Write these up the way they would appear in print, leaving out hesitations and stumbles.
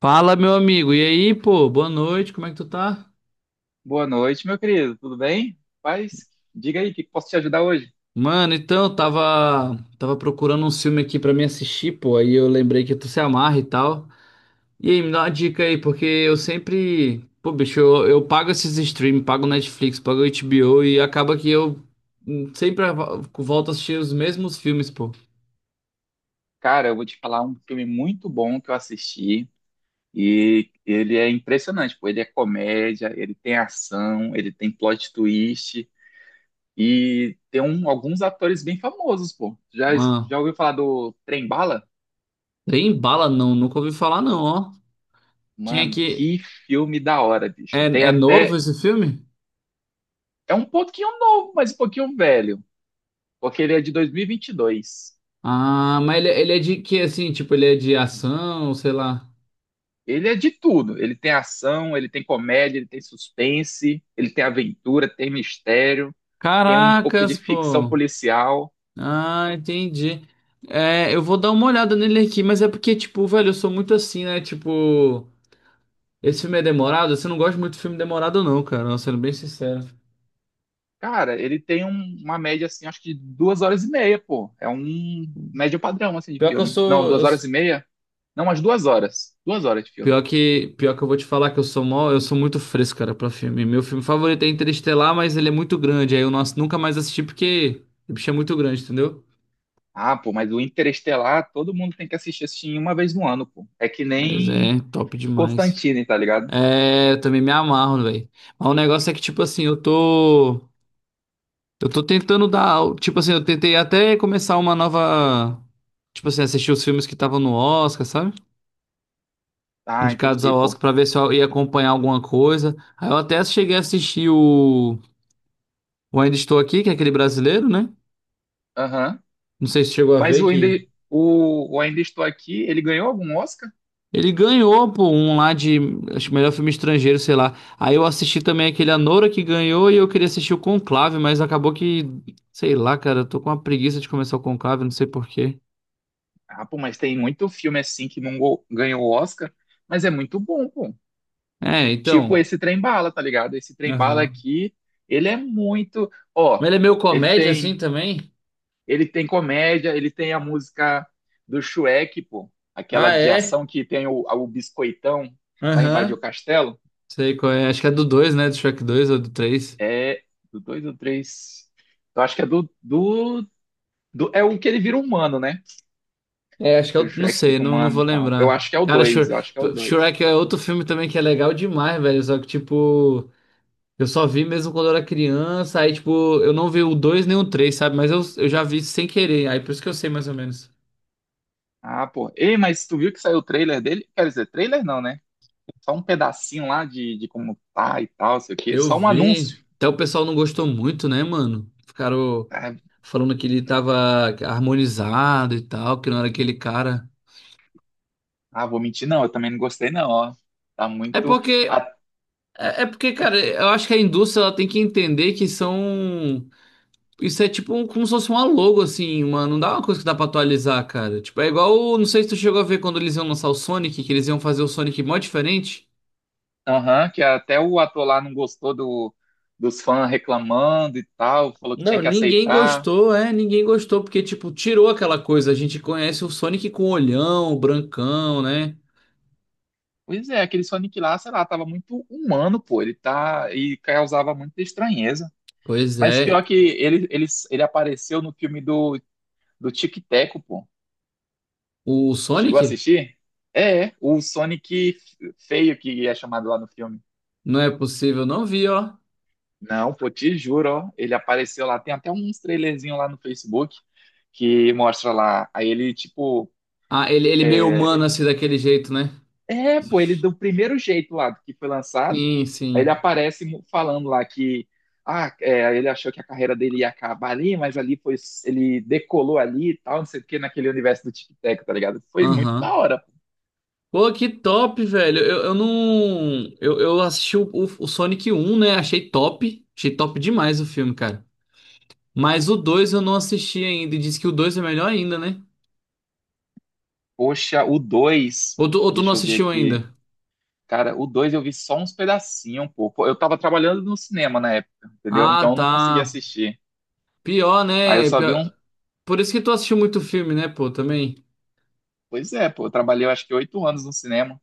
Fala, meu amigo. E aí, pô? Boa noite. Como é que tu tá? Boa noite, meu querido. Tudo bem? Paz, diga aí, o que que posso te ajudar hoje? Mano, então, eu tava procurando um filme aqui pra me assistir, pô. Aí eu lembrei que tu se amarra e tal. E aí, me dá uma dica aí, porque eu sempre, pô, bicho, eu pago esses streams, pago Netflix, pago HBO e acaba que eu sempre volto a assistir os mesmos filmes, pô. Cara, eu vou te falar um filme muito bom que eu assisti e ele é impressionante, pô. Ele é comédia, ele tem ação, ele tem plot twist e tem alguns atores bem famosos, pô. Ah, Já ouviu falar do Trem Bala? trem bala não, nunca ouvi falar não, ó. Quem é Mano, que que filme da hora, bicho. Tem é novo até... esse filme? É um pouquinho novo, mas um pouquinho velho, porque ele é de 2022. Ah, mas ele é de que assim, tipo, ele é de ação, sei lá. Ele é de tudo. Ele tem ação, ele tem comédia, ele tem suspense, ele tem aventura, tem mistério, tem um pouco de Caracas, ficção pô. policial. Ah, entendi. É, eu vou dar uma olhada nele aqui, mas é porque, tipo, velho, eu sou muito assim, né? Tipo, esse filme é demorado. Você não gosta muito de filme demorado, não, cara. Nossa, sendo bem sincero. Cara, ele tem uma média assim, acho que de duas horas e meia, pô. É um médio padrão assim de Pior que eu filme. Não, sou. Duas horas e meia? Não, umas duas horas. Duas horas de filme. Pior que, pior que eu vou te falar que eu sou mó, eu sou muito fresco, cara, pra filme. Meu filme favorito é Interestelar, mas ele é muito grande. Aí eu não, nunca mais assisti porque o bicho é muito grande, entendeu? Ah, pô, mas o Interestelar, todo mundo tem que assistir assim uma vez no ano, pô. É que Mas nem é top demais. Constantine, tá ligado? É, eu também me amarro, velho. Mas o negócio é que, tipo assim, eu tô. Eu tô tentando dar. Tipo assim, eu tentei até começar uma nova. Tipo assim, assistir os filmes que estavam no Oscar, sabe? Ah, Indicados entendi, ao Oscar pô. pra ver se eu ia acompanhar alguma coisa. Aí eu até cheguei a assistir o. O Ainda Estou Aqui, que é aquele brasileiro, né? Aham. Não sei se chegou a Mas ver o ainda, que. o Ainda Estou Aqui, ele ganhou algum Oscar? Ele ganhou, pô, um lá de. Acho que melhor filme estrangeiro, sei lá. Aí eu assisti também aquele Anora que ganhou e eu queria assistir o Conclave, mas acabou que. Sei lá, cara, eu tô com uma preguiça de começar o Conclave, não sei por quê. Ah, pô, mas tem muito filme assim que não go- ganhou o Oscar, mas é muito bom, pô. É, Tipo então. esse Trem Bala, tá ligado? Esse Trem Bala Aham. aqui, ele é muito, ó, Mas ele é meio ele comédia assim tem, também? ele tem comédia, ele tem a música do Shrek, pô, aquela Ah, de é? ação que tem o biscoitão vai invadir o Aham. castelo, Sei qual é. Acho que é do dois, né? Do Shrek dois ou do três. é do dois, ou três. Eu acho que é do é o que ele vira humano, né? É, acho que é Que o o... Não Shrek sei, fica não, não humano, vou e tal. Eu lembrar. acho que é o Cara, 2. Shr... Shrek é outro filme também que é legal demais, velho. Só que, tipo, eu só vi mesmo quando eu era criança. Aí, tipo, eu não vi o 2 nem o três, sabe? Mas eu, já vi sem querer. Aí, por isso que eu sei mais ou menos. Ah, pô. Ei, mas tu viu que saiu o trailer dele? Quer dizer, trailer não, né? Só um pedacinho lá de como tá e tal, sei o quê. Eu Só um anúncio. vi. Até o pessoal não gostou muito, né, mano? Ficaram Ah, falando que ele tava harmonizado e tal, que não era aquele cara. ah, vou mentir, não. Eu também não gostei, não, ó. Tá É muito. porque a- É porque, cara, pode- eu acho que a indústria ela tem que entender que são. Isso é tipo como se fosse uma logo, assim, uma... não dá uma coisa que dá pra atualizar, cara. Tipo, é igual. Não sei se tu chegou a ver quando eles iam lançar o Sonic, que eles iam fazer o Sonic mó diferente. Aham, que até o ator lá não gostou do, dos fãs reclamando e tal. Falou que tinha Não, que ninguém aceitar. gostou, é, ninguém gostou, porque, tipo, tirou aquela coisa. A gente conhece o Sonic com olhão, brancão, né? Pois é, aquele Sonic lá, sei lá, tava muito humano, pô. Ele tá. E causava muita estranheza. Pois Mas pior é. que ele, ele apareceu no filme do, do Tic Teco, pô. O Chegou a Sonic? assistir? O Sonic feio que é chamado lá no filme. Não é possível, não vi, ó. Não, pô, te juro, ó, ele apareceu lá. Tem até uns trailerzinho lá no Facebook que mostra lá. Aí ele, tipo, Ah, ele meio é, humano, assim, daquele jeito, né? Pô, ele do primeiro jeito lá que foi lançado, Sim, aí ele sim. Falando lá que, ah, é, ele achou que a carreira dele ia acabar ali, mas ali foi, ele decolou ali e tal, não sei o que, naquele universo do Tic Tac, tá ligado? Foi muito da Aham. hora. Pô, que top, velho. Eu não. Eu assisti o, o Sonic um, né? Achei top. Achei top demais o filme, cara. Mas o 2 eu não assisti ainda. E diz que o 2 é melhor ainda, né? Poxa, o 2. Ou tu não Deixa eu ver assistiu aqui. ainda? Cara, o 2 eu vi só uns pedacinhos, um pouco. Eu tava trabalhando no cinema na época, entendeu? Então Ah, eu não tá. consegui assistir. Pior, Aí eu né? só vi um. Pior- Por isso que tu assistiu muito filme, né, pô, também. Pois é, pô, eu trabalhei eu acho que oito anos no cinema.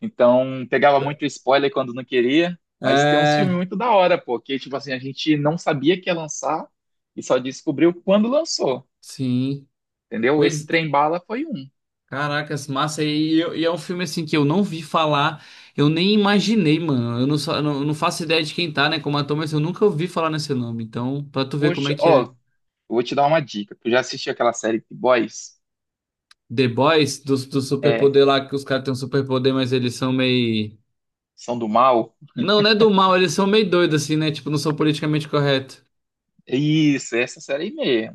Então pegava muito spoiler quando não queria. Mas tem uns filmes É, muito da hora, pô, que tipo assim, a gente não sabia que ia lançar e só descobriu quando lançou, sim. entendeu? Esse Pois Trem Bala foi um. Caracas, massa. E, e é um filme assim que eu não vi falar, eu nem imaginei, mano. Eu não, só, não, não faço ideia de quem tá, né, como ator, mas eu nunca ouvi falar nesse nome. Então, pra tu ver como é Poxa, que ó, é. eu vou te dar uma dica. Tu já assistiu aquela série The Boys? The Boys, do, É, superpoder lá, que os caras têm um superpoder, mas eles são meio. são do mal? Não, não é do mal, eles são meio doidos, assim, né? Tipo, não são politicamente corretos. Isso, essa série aí.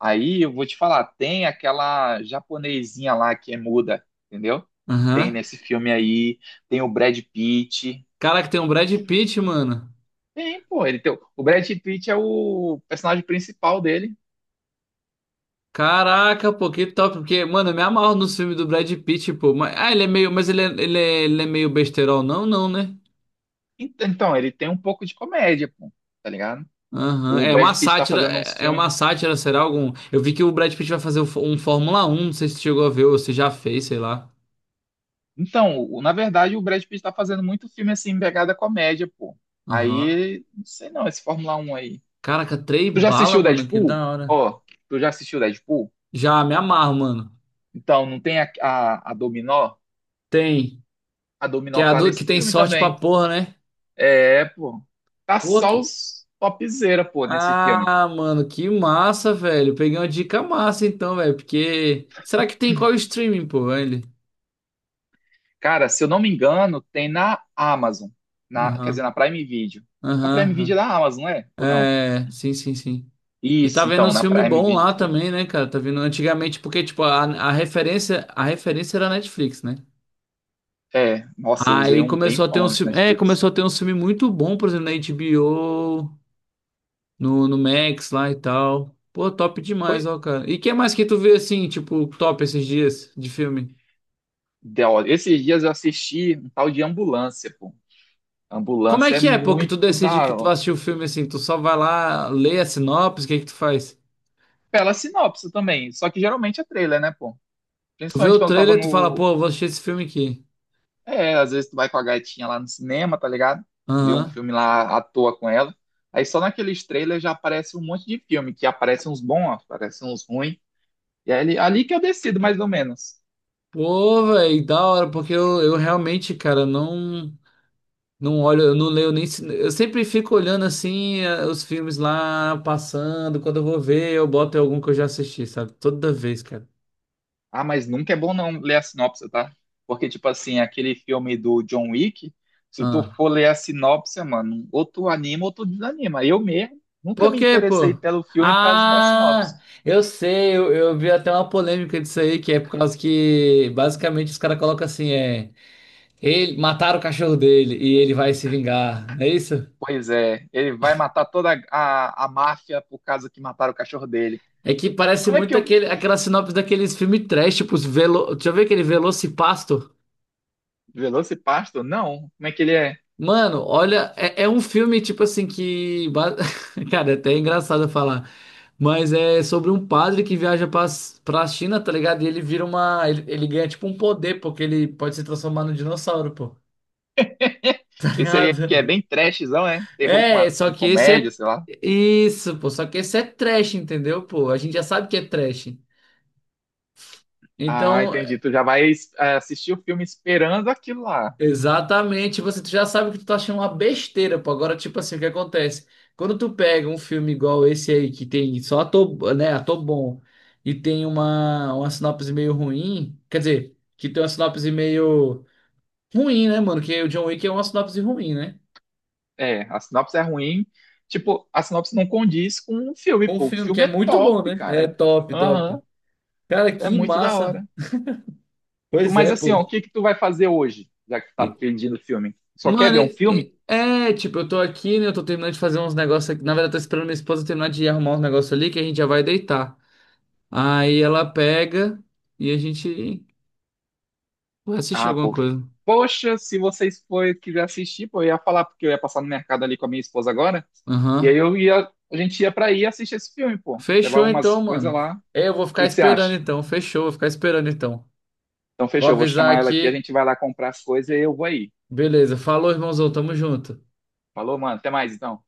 Aí eu vou te falar, tem aquela japonesinha lá que é muda, entendeu? Tem Aham. nesse filme aí, tem o Brad Pitt. Caraca, tem um Brad Pitt, mano. Tem, pô, ele tem, o Brad Pitt é o personagem principal dele. Caraca, pô, que top, porque, mano, eu me amarro nos filmes do Brad Pitt, pô. Mas, ah, ele é meio, mas ele é meio besterol, não, não, né? Então, ele tem um pouco de comédia, pô, tá ligado? Aham. O É Brad uma Pitt tá sátira, fazendo uns é uma filmes. sátira, será algum? Eu vi que o Brad Pitt vai fazer um um Fórmula 1, não sei se chegou a ver ou se já fez, sei lá. Então, na verdade, o Brad Pitt tá fazendo muito filme assim, em pegada comédia, pô. Aham. Aí, não sei não, esse Fórmula Um aí. Caraca, três Tu já bala, assistiu mano, que Deadpool? da hora. Ó, tu já assistiu Deadpool? Já me amarro, mano. Então, não tem a Dominó? Tem, A que é Dominó a tá do que nesse tem filme sorte pra também. porra, né? É, pô. Tá Pô, só que... os topzera, pô, nesse filme. Ah, mano, que massa, velho. Peguei uma dica massa então, velho, porque será que tem qual streaming, pô, ele? Cara, se eu não me engano, tem na Amazon. Na, quer dizer, Aham. na Prime Video. A Prime Video é Aham. da Amazon, não é? Aham. Ou não? É, sim, sim, sim. E tá Isso, vendo então, uns na filmes Prime bons Video lá tem. também, né, cara? Tá vendo antigamente, porque, tipo, a, referência, a referência era a Netflix, né? É, nossa, eu usei Aí um começou a ter tempão uns de filmes. É, Netflix. começou a ter uns filmes muito bons, por exemplo, na HBO, no, Max lá e tal. Pô, top Foi, demais, ó, cara. E que mais que tu vê assim, tipo, top esses dias de filme? Ó, esses dias eu assisti um tal de Ambulância, pô. Como é Ambulância é que é, pô, que tu muito decide da que tu vai hora. assistir o filme assim? Tu só vai lá, lê a sinopse, o que é que tu faz? Pela sinopse também, só que geralmente é trailer, né, pô? Tu vê Principalmente o quando eu tava trailer, tu fala, no. pô, eu vou assistir esse filme aqui. É, às vezes tu vai com a gatinha lá no cinema, tá ligado? Vê um Aham. filme lá à toa com ela. Aí só naqueles trailers já aparece um monte de filme, que aparecem uns bons, aparecem uns ruins. E aí, ali que eu decido, mais ou menos. Pô, velho, da hora, porque eu realmente, cara, não não olho, eu não leio nem. Eu sempre fico olhando assim os filmes lá passando. Quando eu vou ver, eu boto algum que eu já assisti, sabe? Toda vez, cara. Ah, mas nunca é bom não ler a sinopse, tá? Porque, tipo assim, aquele filme do John Wick, se tu Ah. for ler a sinopse, mano, ou tu anima ou tu desanima. Eu mesmo nunca Por me quê, interessei pô? pelo filme por causa da sinopse. Ah, eu sei, eu vi até uma polêmica disso aí, que é por causa que basicamente os caras colocam assim, é. Ele, mataram o cachorro dele e ele vai se vingar, não é isso? Pois é, ele vai matar toda a máfia por causa que mataram o cachorro dele. É que parece Como é que muito eu. aquele, aquela sinopse daqueles filmes trash, tipo, os velo... deixa eu ver aquele Velocipasto. Velocipasto? Não. Como é que ele é? Mano, olha, é um filme, tipo assim, que. Cara, é até engraçado falar. Mas é sobre um padre que viaja pra China, tá ligado? E ele vira uma. Ele ganha, tipo, um poder, porque ele pode se transformar num dinossauro, pô. Tá Esse aí que é ligado? bem trashzão, é? Terror com, É, só com que esse é. comédia, sei lá. Isso, pô. Só que esse é trash, entendeu, pô? A gente já sabe que é trash. Ah, Então, entendi. Tu já vai é, assistir o filme esperando aquilo lá. Exatamente, você tu já sabe que tu tá achando uma besteira, pô. Agora, tipo assim, o que acontece? Quando tu pega um filme igual esse aí, que tem só ator, né, ator bom, e tem uma, sinopse meio ruim, quer dizer, que tem uma sinopse meio ruim, né, mano? Que o John Wick é uma sinopse ruim, né? É, a sinopse é ruim. Tipo, a sinopse não condiz com o filme, Um pô. O filme que filme é é muito bom, top, né? É cara. top, top. Aham, Cara, é que muito da massa. hora. Pois Mas é, assim, pô. ó, o que que tu vai fazer hoje, já que tu tá E- pedindo filme? Só quer mano, ver um filme? É, tipo, eu tô aqui, né? Eu tô terminando de fazer uns negócios aqui. Na verdade, eu tô esperando minha esposa terminar de arrumar uns negócios ali, que a gente já vai deitar. Aí ela pega e a gente vai assistir Ah, alguma pô. coisa. Poxa, se vocês forem quiser assistir, pô, eu ia falar, porque eu ia passar no mercado ali com a minha esposa agora. E aí Aham. eu ia, a gente ia pra aí assistir esse filme, pô. Levar Fechou então, umas coisas mano. lá. O É, eu vou ficar que que você esperando acha? então. Fechou, vou ficar esperando então. Então Vou fechou, eu vou avisar chamar ela aqui, a aqui. gente vai lá comprar as coisas e eu vou aí. Beleza. Falou, irmãozão. Tamo junto. Falou, mano. Até mais, então.